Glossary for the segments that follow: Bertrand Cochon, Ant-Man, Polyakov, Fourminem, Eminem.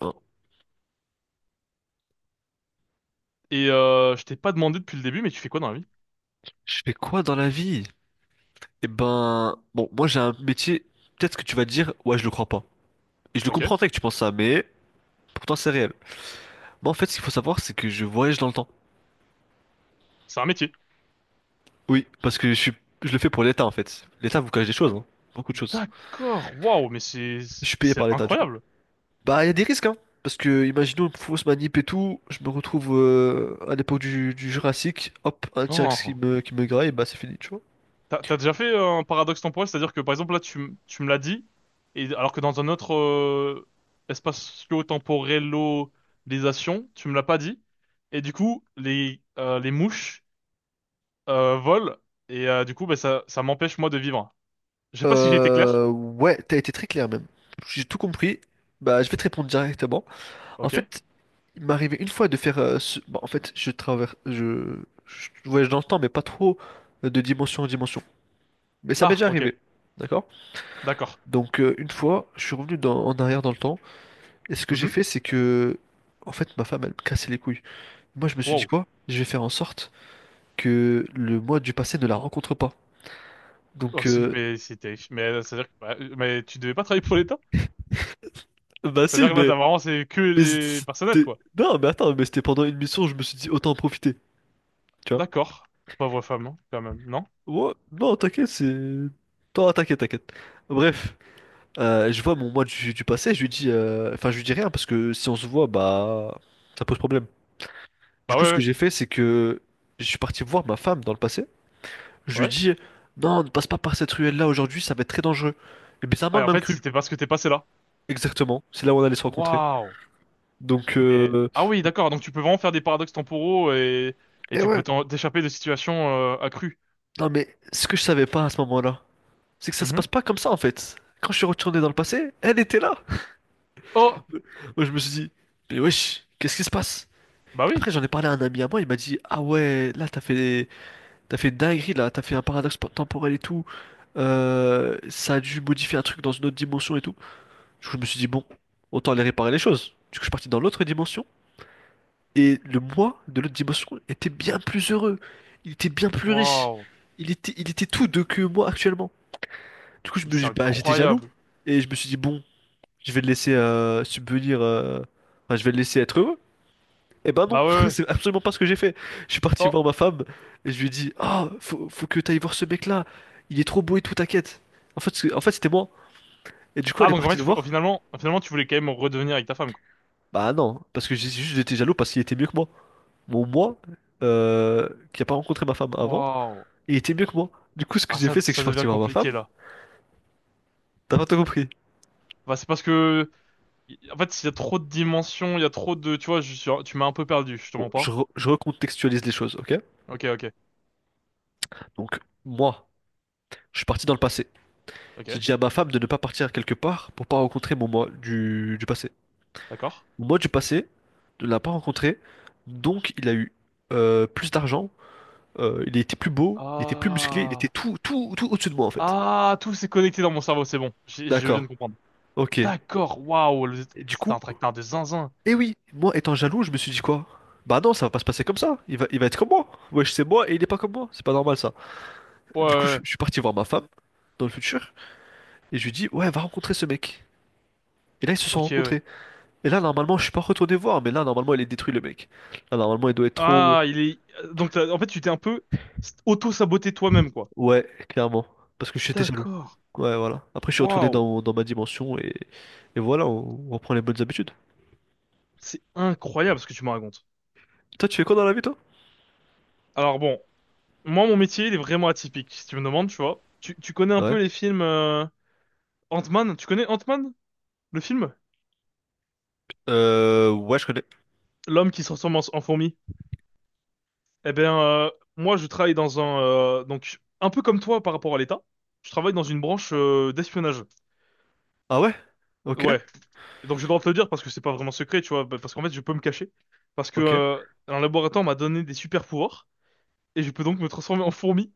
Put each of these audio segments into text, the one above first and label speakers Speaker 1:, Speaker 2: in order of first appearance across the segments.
Speaker 1: Hein,
Speaker 2: Et je t'ai pas demandé depuis le début, mais tu fais quoi dans la vie?
Speaker 1: je fais quoi dans la vie? Eh ben, bon, moi j'ai un métier, peut-être que tu vas dire, ouais, je le crois pas. Et je le
Speaker 2: Ok,
Speaker 1: comprendrais que tu penses ça, mais pourtant c'est réel. Moi en fait, ce qu'il faut savoir, c'est que je voyage dans le temps.
Speaker 2: c'est un métier.
Speaker 1: Oui, parce que je le fais pour l'État en fait. L'État vous cache des choses, hein. Beaucoup de choses.
Speaker 2: D'accord, waouh, mais c'est
Speaker 1: Je suis payé
Speaker 2: c'est
Speaker 1: par l'État du coup.
Speaker 2: incroyable.
Speaker 1: Bah, il y a des risques, hein. Parce que, imaginons une fausse manip et tout, je me retrouve à l'époque du Jurassique, hop, un T-Rex qui
Speaker 2: Oh.
Speaker 1: me, qui me graille, bah c'est fini, tu vois.
Speaker 2: T'as déjà fait un paradoxe temporel, c'est-à-dire que par exemple là tu me l'as dit, et alors que dans un autre espacio-temporellisation, tu me l'as pas dit, et du coup les mouches volent, et du coup bah, ça m'empêche moi de vivre. Je sais pas si j'ai été clair.
Speaker 1: Ouais, t'as été très clair même. J'ai tout compris. Bah, je vais te répondre directement. En
Speaker 2: Ok.
Speaker 1: fait, il m'est arrivé une fois de faire. Bon, en fait, je traverse. Je voyage dans le temps, mais pas trop de dimension en dimension. Mais ça m'est
Speaker 2: Ah
Speaker 1: déjà
Speaker 2: ok,
Speaker 1: arrivé. D'accord?
Speaker 2: d'accord.
Speaker 1: Donc, une fois, je suis revenu en arrière dans le temps. Et ce que j'ai
Speaker 2: Mhm.
Speaker 1: fait, c'est que. En fait, ma femme, elle me cassait les couilles. Moi, je me suis dit
Speaker 2: Wow.
Speaker 1: quoi? Je vais faire en sorte que le moi du passé ne la rencontre pas.
Speaker 2: Oh,
Speaker 1: Donc,
Speaker 2: mais c'est terrible. Mais c'est-à-dire que bah, mais tu devais pas travailler pour l'État?
Speaker 1: bah
Speaker 2: C'est-à-dire
Speaker 1: si,
Speaker 2: que là,
Speaker 1: mais.
Speaker 2: t'as vraiment, c'est que
Speaker 1: Mais
Speaker 2: les personnels,
Speaker 1: c'était.
Speaker 2: quoi.
Speaker 1: Non, mais attends, mais c'était pendant une mission, je me suis dit autant en profiter. Tu vois?
Speaker 2: D'accord. Pauvre femme, hein, quand même. Non?
Speaker 1: Ouais, non, t'inquiète, c'est. Non, t'inquiète, t'inquiète. Bref. Je vois mon moi du passé, je lui dis, enfin je lui dis rien parce que si on se voit, bah ça pose problème. Du
Speaker 2: Bah
Speaker 1: coup, ce que
Speaker 2: ouais,
Speaker 1: j'ai fait, c'est que je suis parti voir ma femme dans le passé. Je
Speaker 2: ouais.
Speaker 1: lui
Speaker 2: Ouais.
Speaker 1: dis, non, ne passe pas par cette ruelle-là aujourd'hui, ça va être très dangereux. Et bizarrement,
Speaker 2: Ah, et
Speaker 1: elle
Speaker 2: en
Speaker 1: m'a
Speaker 2: fait,
Speaker 1: cru.
Speaker 2: c'était parce que t'es passé là.
Speaker 1: Exactement, c'est là où on allait se rencontrer.
Speaker 2: Waouh.
Speaker 1: Donc,
Speaker 2: Mais, ah oui, d'accord. Donc, tu peux vraiment faire des paradoxes temporaux et
Speaker 1: et
Speaker 2: tu peux
Speaker 1: ouais.
Speaker 2: t'échapper de situations accrues.
Speaker 1: Non mais ce que je savais pas à ce moment-là, c'est que ça se
Speaker 2: Mhm.
Speaker 1: passe pas comme ça en fait. Quand je suis retourné dans le passé, elle était là.
Speaker 2: Oh!
Speaker 1: Moi, je me suis dit, mais wesh, qu'est-ce qui se passe?
Speaker 2: Bah oui.
Speaker 1: Après, j'en ai parlé à un ami à moi, il m'a dit, ah ouais, là, t'as fait une dinguerie là, t'as fait un paradoxe temporel et tout. Ça a dû modifier un truc dans une autre dimension et tout. Du coup, je me suis dit, bon, autant aller réparer les choses. Du coup, je suis parti dans l'autre dimension. Et le moi de l'autre dimension était bien plus heureux. Il était bien plus riche.
Speaker 2: Waouh.
Speaker 1: Il était tout de que moi actuellement. Du coup,
Speaker 2: Mais c'est
Speaker 1: bah, j'étais jaloux.
Speaker 2: incroyable.
Speaker 1: Et je me suis dit, bon, je vais le laisser subvenir. Enfin, je vais le laisser être heureux. Eh ben non,
Speaker 2: Bah ouais, ouais.
Speaker 1: c'est absolument pas ce que j'ai fait. Je suis parti
Speaker 2: Oh.
Speaker 1: voir ma femme et je lui ai dit, ah, faut que t'ailles voir ce mec-là, il est trop beau et tout, t'inquiète. En fait, en fait, c'était moi. Et du coup,
Speaker 2: Ah,
Speaker 1: elle est
Speaker 2: donc en
Speaker 1: partie
Speaker 2: fait,
Speaker 1: le voir.
Speaker 2: finalement, finalement, tu voulais quand même redevenir avec ta femme, quoi.
Speaker 1: Bah non, parce que j'étais jaloux parce qu'il était mieux que moi. Mon moi, qui a pas rencontré ma femme avant,
Speaker 2: Waouh.
Speaker 1: il était mieux que moi. Du coup, ce que
Speaker 2: Ah,
Speaker 1: j'ai
Speaker 2: ça,
Speaker 1: fait, c'est que je
Speaker 2: ça
Speaker 1: suis parti
Speaker 2: devient
Speaker 1: voir ma femme.
Speaker 2: compliqué, là.
Speaker 1: T'as pas tout compris.
Speaker 2: Bah, c'est parce que en fait, il y a trop de dimensions, il y a trop de... Tu vois, tu m'as un peu perdu, je te
Speaker 1: Bon,
Speaker 2: mens pas.
Speaker 1: je recontextualise les choses, ok?
Speaker 2: Ok, ok,
Speaker 1: Donc, moi, je suis parti dans le passé. J'ai
Speaker 2: ok,
Speaker 1: dit à ma femme de ne pas partir quelque part pour pas rencontrer mon moi du passé.
Speaker 2: d'accord.
Speaker 1: Moi, du passé, ne l'a pas rencontré, donc il a eu plus d'argent, il était plus beau, il était plus musclé, il était
Speaker 2: Ah.
Speaker 1: tout, tout, tout au-dessus de moi en fait.
Speaker 2: Ah, tout s'est connecté dans mon cerveau, c'est bon. Je viens
Speaker 1: D'accord,
Speaker 2: de comprendre.
Speaker 1: ok. Et
Speaker 2: D'accord, waouh,
Speaker 1: du
Speaker 2: c'est
Speaker 1: coup,
Speaker 2: un tracteur de zinzin.
Speaker 1: eh oui, moi étant jaloux, je me suis dit quoi? Bah non, ça va pas se passer comme ça, il va être comme moi. Wesh, c'est moi et il est pas comme moi, c'est pas normal ça.
Speaker 2: Ouais, ouais,
Speaker 1: Du coup, je,
Speaker 2: ouais.
Speaker 1: je suis parti voir ma femme dans le futur et je lui dis, ouais, va rencontrer ce mec. Et là, ils se sont
Speaker 2: Ok, ouais.
Speaker 1: rencontrés. Et là, normalement, je suis pas retourné voir, mais là, normalement, il est détruit le mec. Là, normalement, il doit être trop.
Speaker 2: Ah. Donc, en fait, tu t'es un peu auto-saboté toi-même, quoi.
Speaker 1: Ouais, clairement. Parce que j'étais jaloux.
Speaker 2: D'accord.
Speaker 1: Ouais, voilà. Après, je suis retourné
Speaker 2: Waouh,
Speaker 1: dans ma dimension et voilà, on reprend les bonnes habitudes.
Speaker 2: c'est incroyable ce que tu me racontes.
Speaker 1: Toi, tu fais quoi dans la vie, toi?
Speaker 2: Alors bon, moi, mon métier, il est vraiment atypique, si tu me demandes, tu vois. Tu connais un peu
Speaker 1: Ouais.
Speaker 2: les films, Ant-Man, tu connais Ant-Man? Le film,
Speaker 1: Ouais, je connais.
Speaker 2: l'homme qui se transforme en fourmi. Eh bien, moi, je travaille dans un donc un peu comme toi par rapport à l'État. Je travaille dans une branche d'espionnage.
Speaker 1: Ah ouais? Ok,
Speaker 2: Ouais. Donc, j'ai le droit de te le dire parce que c'est pas vraiment secret, tu vois, bah, parce qu'en fait, je peux me cacher parce que
Speaker 1: ok,
Speaker 2: un laboratoire m'a donné des super pouvoirs et je peux donc me transformer en fourmi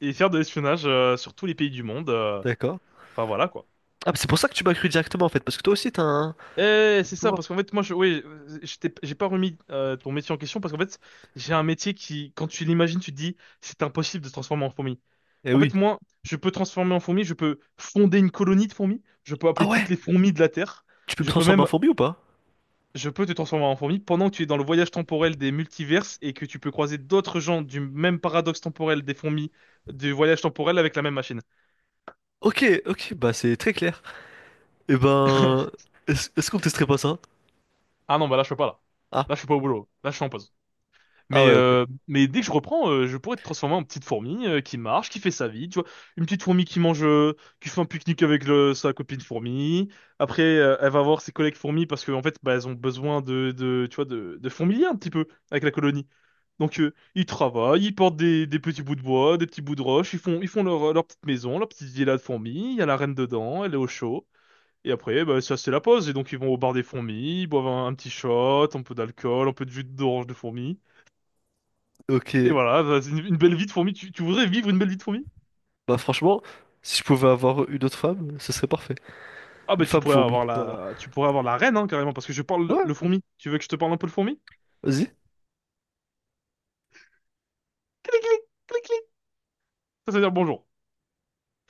Speaker 2: et faire de l'espionnage sur tous les pays du monde.
Speaker 1: d'accord.
Speaker 2: Enfin voilà quoi.
Speaker 1: Ah, mais c'est pour ça que tu m'as cru directement en fait, parce que toi aussi t'as un
Speaker 2: Eh, c'est ça
Speaker 1: pouvoir.
Speaker 2: parce qu'en fait, moi, oui, j'ai pas remis ton métier en question parce qu'en fait, j'ai un métier qui, quand tu l'imagines, tu te dis c'est impossible de se transformer en fourmi.
Speaker 1: Eh
Speaker 2: En
Speaker 1: oui.
Speaker 2: fait, moi, je peux transformer en fourmi, je peux fonder une colonie de fourmis, je peux
Speaker 1: Ah
Speaker 2: appeler toutes
Speaker 1: ouais?
Speaker 2: les fourmis de la Terre,
Speaker 1: Tu peux me
Speaker 2: je peux
Speaker 1: transformer en
Speaker 2: même,
Speaker 1: fourmi ou pas?
Speaker 2: je peux te transformer en fourmi pendant que tu es dans le voyage temporel des multiverses et que tu peux croiser d'autres gens du même paradoxe temporel des fourmis du voyage temporel avec la même machine.
Speaker 1: Ok, ok, bah c'est très clair. Eh ben, est-ce qu'on testerait pas ça?
Speaker 2: Ah non, bah là, je peux pas, là.
Speaker 1: Ah,
Speaker 2: Là, je suis pas au boulot. Là, je suis en pause.
Speaker 1: ah
Speaker 2: Mais,
Speaker 1: ouais, ok.
Speaker 2: euh, mais dès que je reprends, je pourrais te transformer en petite fourmi qui marche, qui fait sa vie, tu vois. Une petite fourmi qui mange, qui fait un pique-nique avec sa copine fourmi. Après, elle va voir ses collègues fourmis parce que en fait, bah, elles ont besoin de, tu vois, de fourmiliers un petit peu avec la colonie. Donc, ils travaillent, ils portent des petits bouts de bois, des petits bouts de roche, ils font leur petite maison, leur petite villa de fourmis. Il y a la reine dedans, elle est au chaud. Et après, bah, ça c'est la pause. Et donc, ils vont au bar des fourmis, ils boivent un petit shot, un peu d'alcool, un peu de jus d'orange de fourmi.
Speaker 1: Ok,
Speaker 2: Et voilà, bah, c'est une belle vie de fourmi. Tu voudrais vivre une belle vie de fourmi?
Speaker 1: bah franchement, si je pouvais avoir une autre femme, ce serait parfait.
Speaker 2: Ah
Speaker 1: Une
Speaker 2: bah tu
Speaker 1: femme
Speaker 2: pourrais
Speaker 1: fourmi,
Speaker 2: avoir
Speaker 1: voilà.
Speaker 2: tu pourrais avoir la reine hein, carrément parce que je parle le,
Speaker 1: Ouais.
Speaker 2: le fourmi. Tu veux que je te parle un peu le fourmi?
Speaker 1: Vas-y.
Speaker 2: Clic clic clic clic. Ça veut dire bonjour.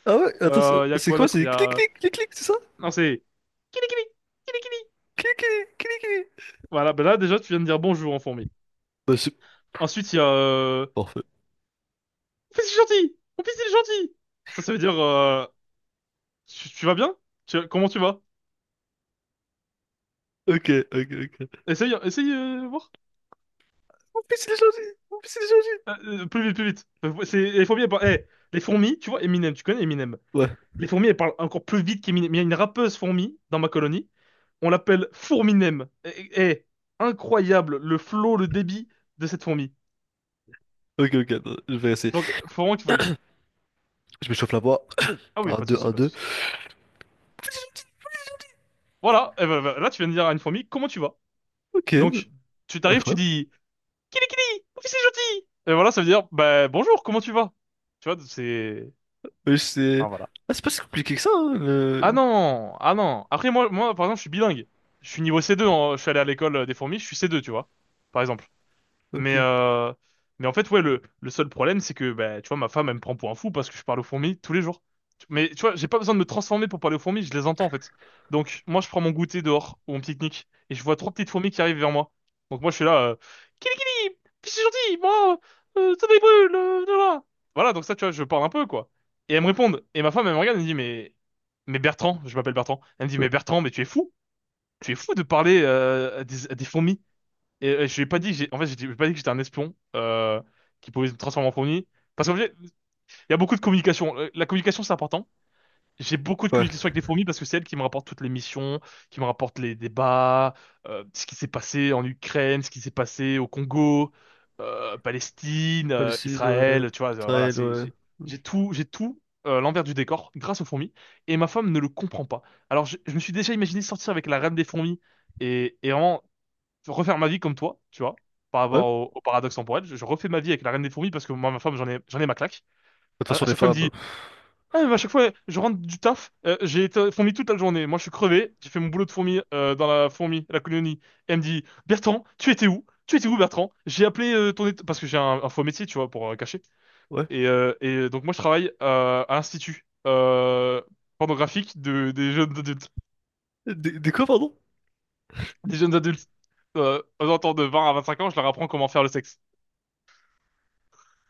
Speaker 1: Ah ouais, attends, c'est
Speaker 2: Y a
Speaker 1: c'est
Speaker 2: quoi
Speaker 1: quoi?
Speaker 2: d'autre?
Speaker 1: C'est clic, clic, clic, clic, c'est ça?
Speaker 2: Non, c'est kili kili kili kili.
Speaker 1: Clic, clic, clic, clic.
Speaker 2: Voilà, bah là déjà tu viens de dire bonjour en fourmi.
Speaker 1: Bah, c'est
Speaker 2: Ensuite il y a,
Speaker 1: parfait.
Speaker 2: mon fils est gentil, mon fils il est gentil. Ça veut dire, tu vas bien? Comment tu vas?
Speaker 1: Ok, ok, ok.
Speaker 2: Essaye, essaye voir.
Speaker 1: Mon fils, il est gentil. Mon fils, il est gentil.
Speaker 2: Plus vite, plus vite. C'est les fourmis. Eh, les fourmis, tu vois Eminem, tu connais Eminem?
Speaker 1: Ouais,
Speaker 2: Les fourmis, elles parlent encore plus vite qu'Eminem. Il y a une rappeuse fourmi dans ma colonie. On l'appelle Fourminem. Incroyable le flow, le débit de cette fourmi.
Speaker 1: ok, ok, attends, je vais essayer.
Speaker 2: Donc, faut vraiment que tu fasses.
Speaker 1: Je me chauffe la voix.
Speaker 2: Ah oui,
Speaker 1: Un
Speaker 2: pas de
Speaker 1: deux
Speaker 2: souci,
Speaker 1: un
Speaker 2: pas de
Speaker 1: deux.
Speaker 2: souci. Voilà, eh ben, là, tu viens de dire à une fourmi, comment tu vas?
Speaker 1: Ok,
Speaker 2: Donc, tu t'arrives, tu
Speaker 1: incroyable.
Speaker 2: dis, Kili Kili, oh, c'est gentil! Et voilà, ça veut dire, bah, bonjour, comment tu vas? Tu vois.
Speaker 1: Mais c'est.
Speaker 2: Ah, voilà.
Speaker 1: Ah, c'est pas si compliqué que ça, hein,
Speaker 2: Ah
Speaker 1: le...
Speaker 2: non, ah non. Après, moi, moi, par exemple, je suis bilingue. Je suis niveau C2, je suis allé à l'école des fourmis, je suis C2, tu vois, par exemple.
Speaker 1: Ok,
Speaker 2: Mais, euh, mais en fait, ouais, le seul problème, c'est que, bah, tu vois, ma femme, elle me prend pour un fou parce que je parle aux fourmis tous les jours. Mais tu vois, j'ai pas besoin de me transformer pour parler aux fourmis, je les entends en fait. Donc, moi, je prends mon goûter dehors ou mon pique-nique et je vois trois petites fourmis qui arrivent vers moi. Donc, moi, je suis là, Kili Kili, je suis gentil, moi, ça me brûle, voilà. Voilà, donc ça, tu vois, je parle un peu, quoi. Et elles me répondent. Et ma femme, elle me regarde, elle me dit, mais Bertrand, je m'appelle Bertrand. Elle me dit, mais
Speaker 1: ouais.
Speaker 2: Bertrand, mais tu es fou de parler à des fourmis. Et, je lui ai pas dit, en fait, je lui ai pas dit que j'étais un espion qui pouvait se transformer en fourmi. Parce qu'en fait, il y a beaucoup de communication. La communication, c'est important. J'ai beaucoup de
Speaker 1: Ouais.
Speaker 2: communication avec les fourmis parce que c'est elles qui me rapportent toutes les missions, qui me rapportent les débats, ce qui s'est passé en Ukraine, ce qui s'est passé au Congo, Palestine,
Speaker 1: Palestine, ouais.
Speaker 2: Israël. Tu vois, voilà,
Speaker 1: Israël,
Speaker 2: c'est
Speaker 1: ouais.
Speaker 2: j'ai tout l'envers du décor grâce aux fourmis. Et ma femme ne le comprend pas. Alors, je me suis déjà imaginé sortir avec la reine des fourmis et vraiment refaire ma vie comme toi, tu vois, par
Speaker 1: Ouais.
Speaker 2: rapport
Speaker 1: De
Speaker 2: au paradoxe temporel. Je refais ma vie avec la reine des fourmis parce que moi, ma femme, j'en ai ma claque.
Speaker 1: toute
Speaker 2: À,
Speaker 1: façon,
Speaker 2: à
Speaker 1: les
Speaker 2: chaque fois, elle me
Speaker 1: femmes.
Speaker 2: dit, ah, mais à chaque fois, je rentre du taf, j'ai été fourmi toute la journée. Moi, je suis crevé, j'ai fait mon boulot de fourmi dans la colonie. Elle me dit, Bertrand, tu étais où? Tu étais où, Bertrand? J'ai appelé parce que j'ai un faux métier, tu vois, pour cacher.
Speaker 1: Ouais.
Speaker 2: Et donc, moi, je travaille à l'institut pornographique des jeunes adultes.
Speaker 1: Des quoi, pardon?
Speaker 2: Des jeunes adultes. Aux alentours de 20 à 25 ans, je leur apprends comment faire le sexe.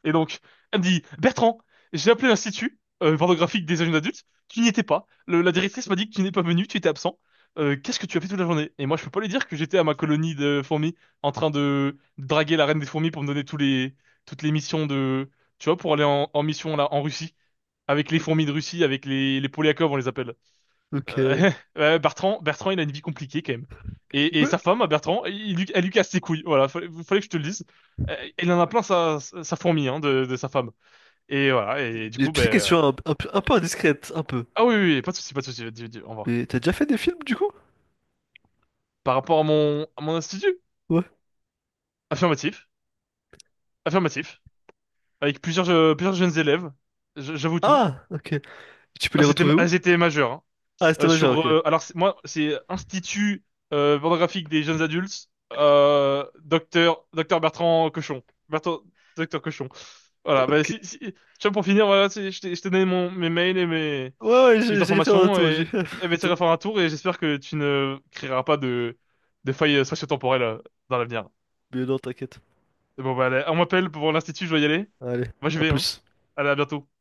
Speaker 2: Et donc, elle me dit, Bertrand, j'ai appelé l'institut pornographique des jeunes adultes, tu n'y étais pas. La directrice m'a dit que tu n'es pas venu, tu étais absent. Qu'est-ce que tu as fait toute la journée? Et moi, je peux pas lui dire que j'étais à ma colonie de fourmis en train de draguer la reine des fourmis pour me donner toutes les missions tu vois, pour aller en mission là, en Russie, avec les fourmis de Russie, avec les Polyakov, on les appelle.
Speaker 1: Ok.
Speaker 2: Euh,
Speaker 1: Ouais.
Speaker 2: Bertrand, Bertrand, il a une vie compliquée quand même. Et sa femme, Bertrand, elle lui casse ses couilles. Voilà, fallait que je te le dise. Il en a plein sa fourmi hein, de sa femme. Et voilà, et du
Speaker 1: J'ai une
Speaker 2: coup, ben.
Speaker 1: petite
Speaker 2: euh,
Speaker 1: question un peu indiscrète, un peu.
Speaker 2: Ah oui, oui, oui, pas de souci, pas de souci. Au revoir.
Speaker 1: Mais t'as déjà fait des films, du coup?
Speaker 2: Par rapport à mon, institut,
Speaker 1: Ouais.
Speaker 2: affirmatif, affirmatif, avec plusieurs jeunes élèves, j'avoue tout.
Speaker 1: Ah, ok. Tu peux les
Speaker 2: Elles étaient,
Speaker 1: retrouver où?
Speaker 2: elles étaient majeures, hein.
Speaker 1: Ah, c'était majeur, ok.
Speaker 2: Alors moi, c'est Institut pornographique des jeunes adultes, docteur, docteur Bertrand Cochon, Bertrand, docteur Cochon. Voilà. Bah,
Speaker 1: Ok.
Speaker 2: si, si, tu vois, pour finir, voilà, je t'ai donné mes mails et mes,
Speaker 1: Ouais, ouais,
Speaker 2: mes
Speaker 1: j'ai fait un
Speaker 2: informations
Speaker 1: tour, j'ai
Speaker 2: et
Speaker 1: fait un
Speaker 2: elle va essayer
Speaker 1: tour.
Speaker 2: de faire un tour et j'espère que tu ne créeras pas de failles spatio-temporelles dans l'avenir.
Speaker 1: Mais non, t'inquiète.
Speaker 2: Bon bah, allez, on m'appelle pour l'Institut, je dois y aller.
Speaker 1: Allez,
Speaker 2: Moi, je
Speaker 1: à
Speaker 2: vais, hein.
Speaker 1: plus.
Speaker 2: Allez, à bientôt.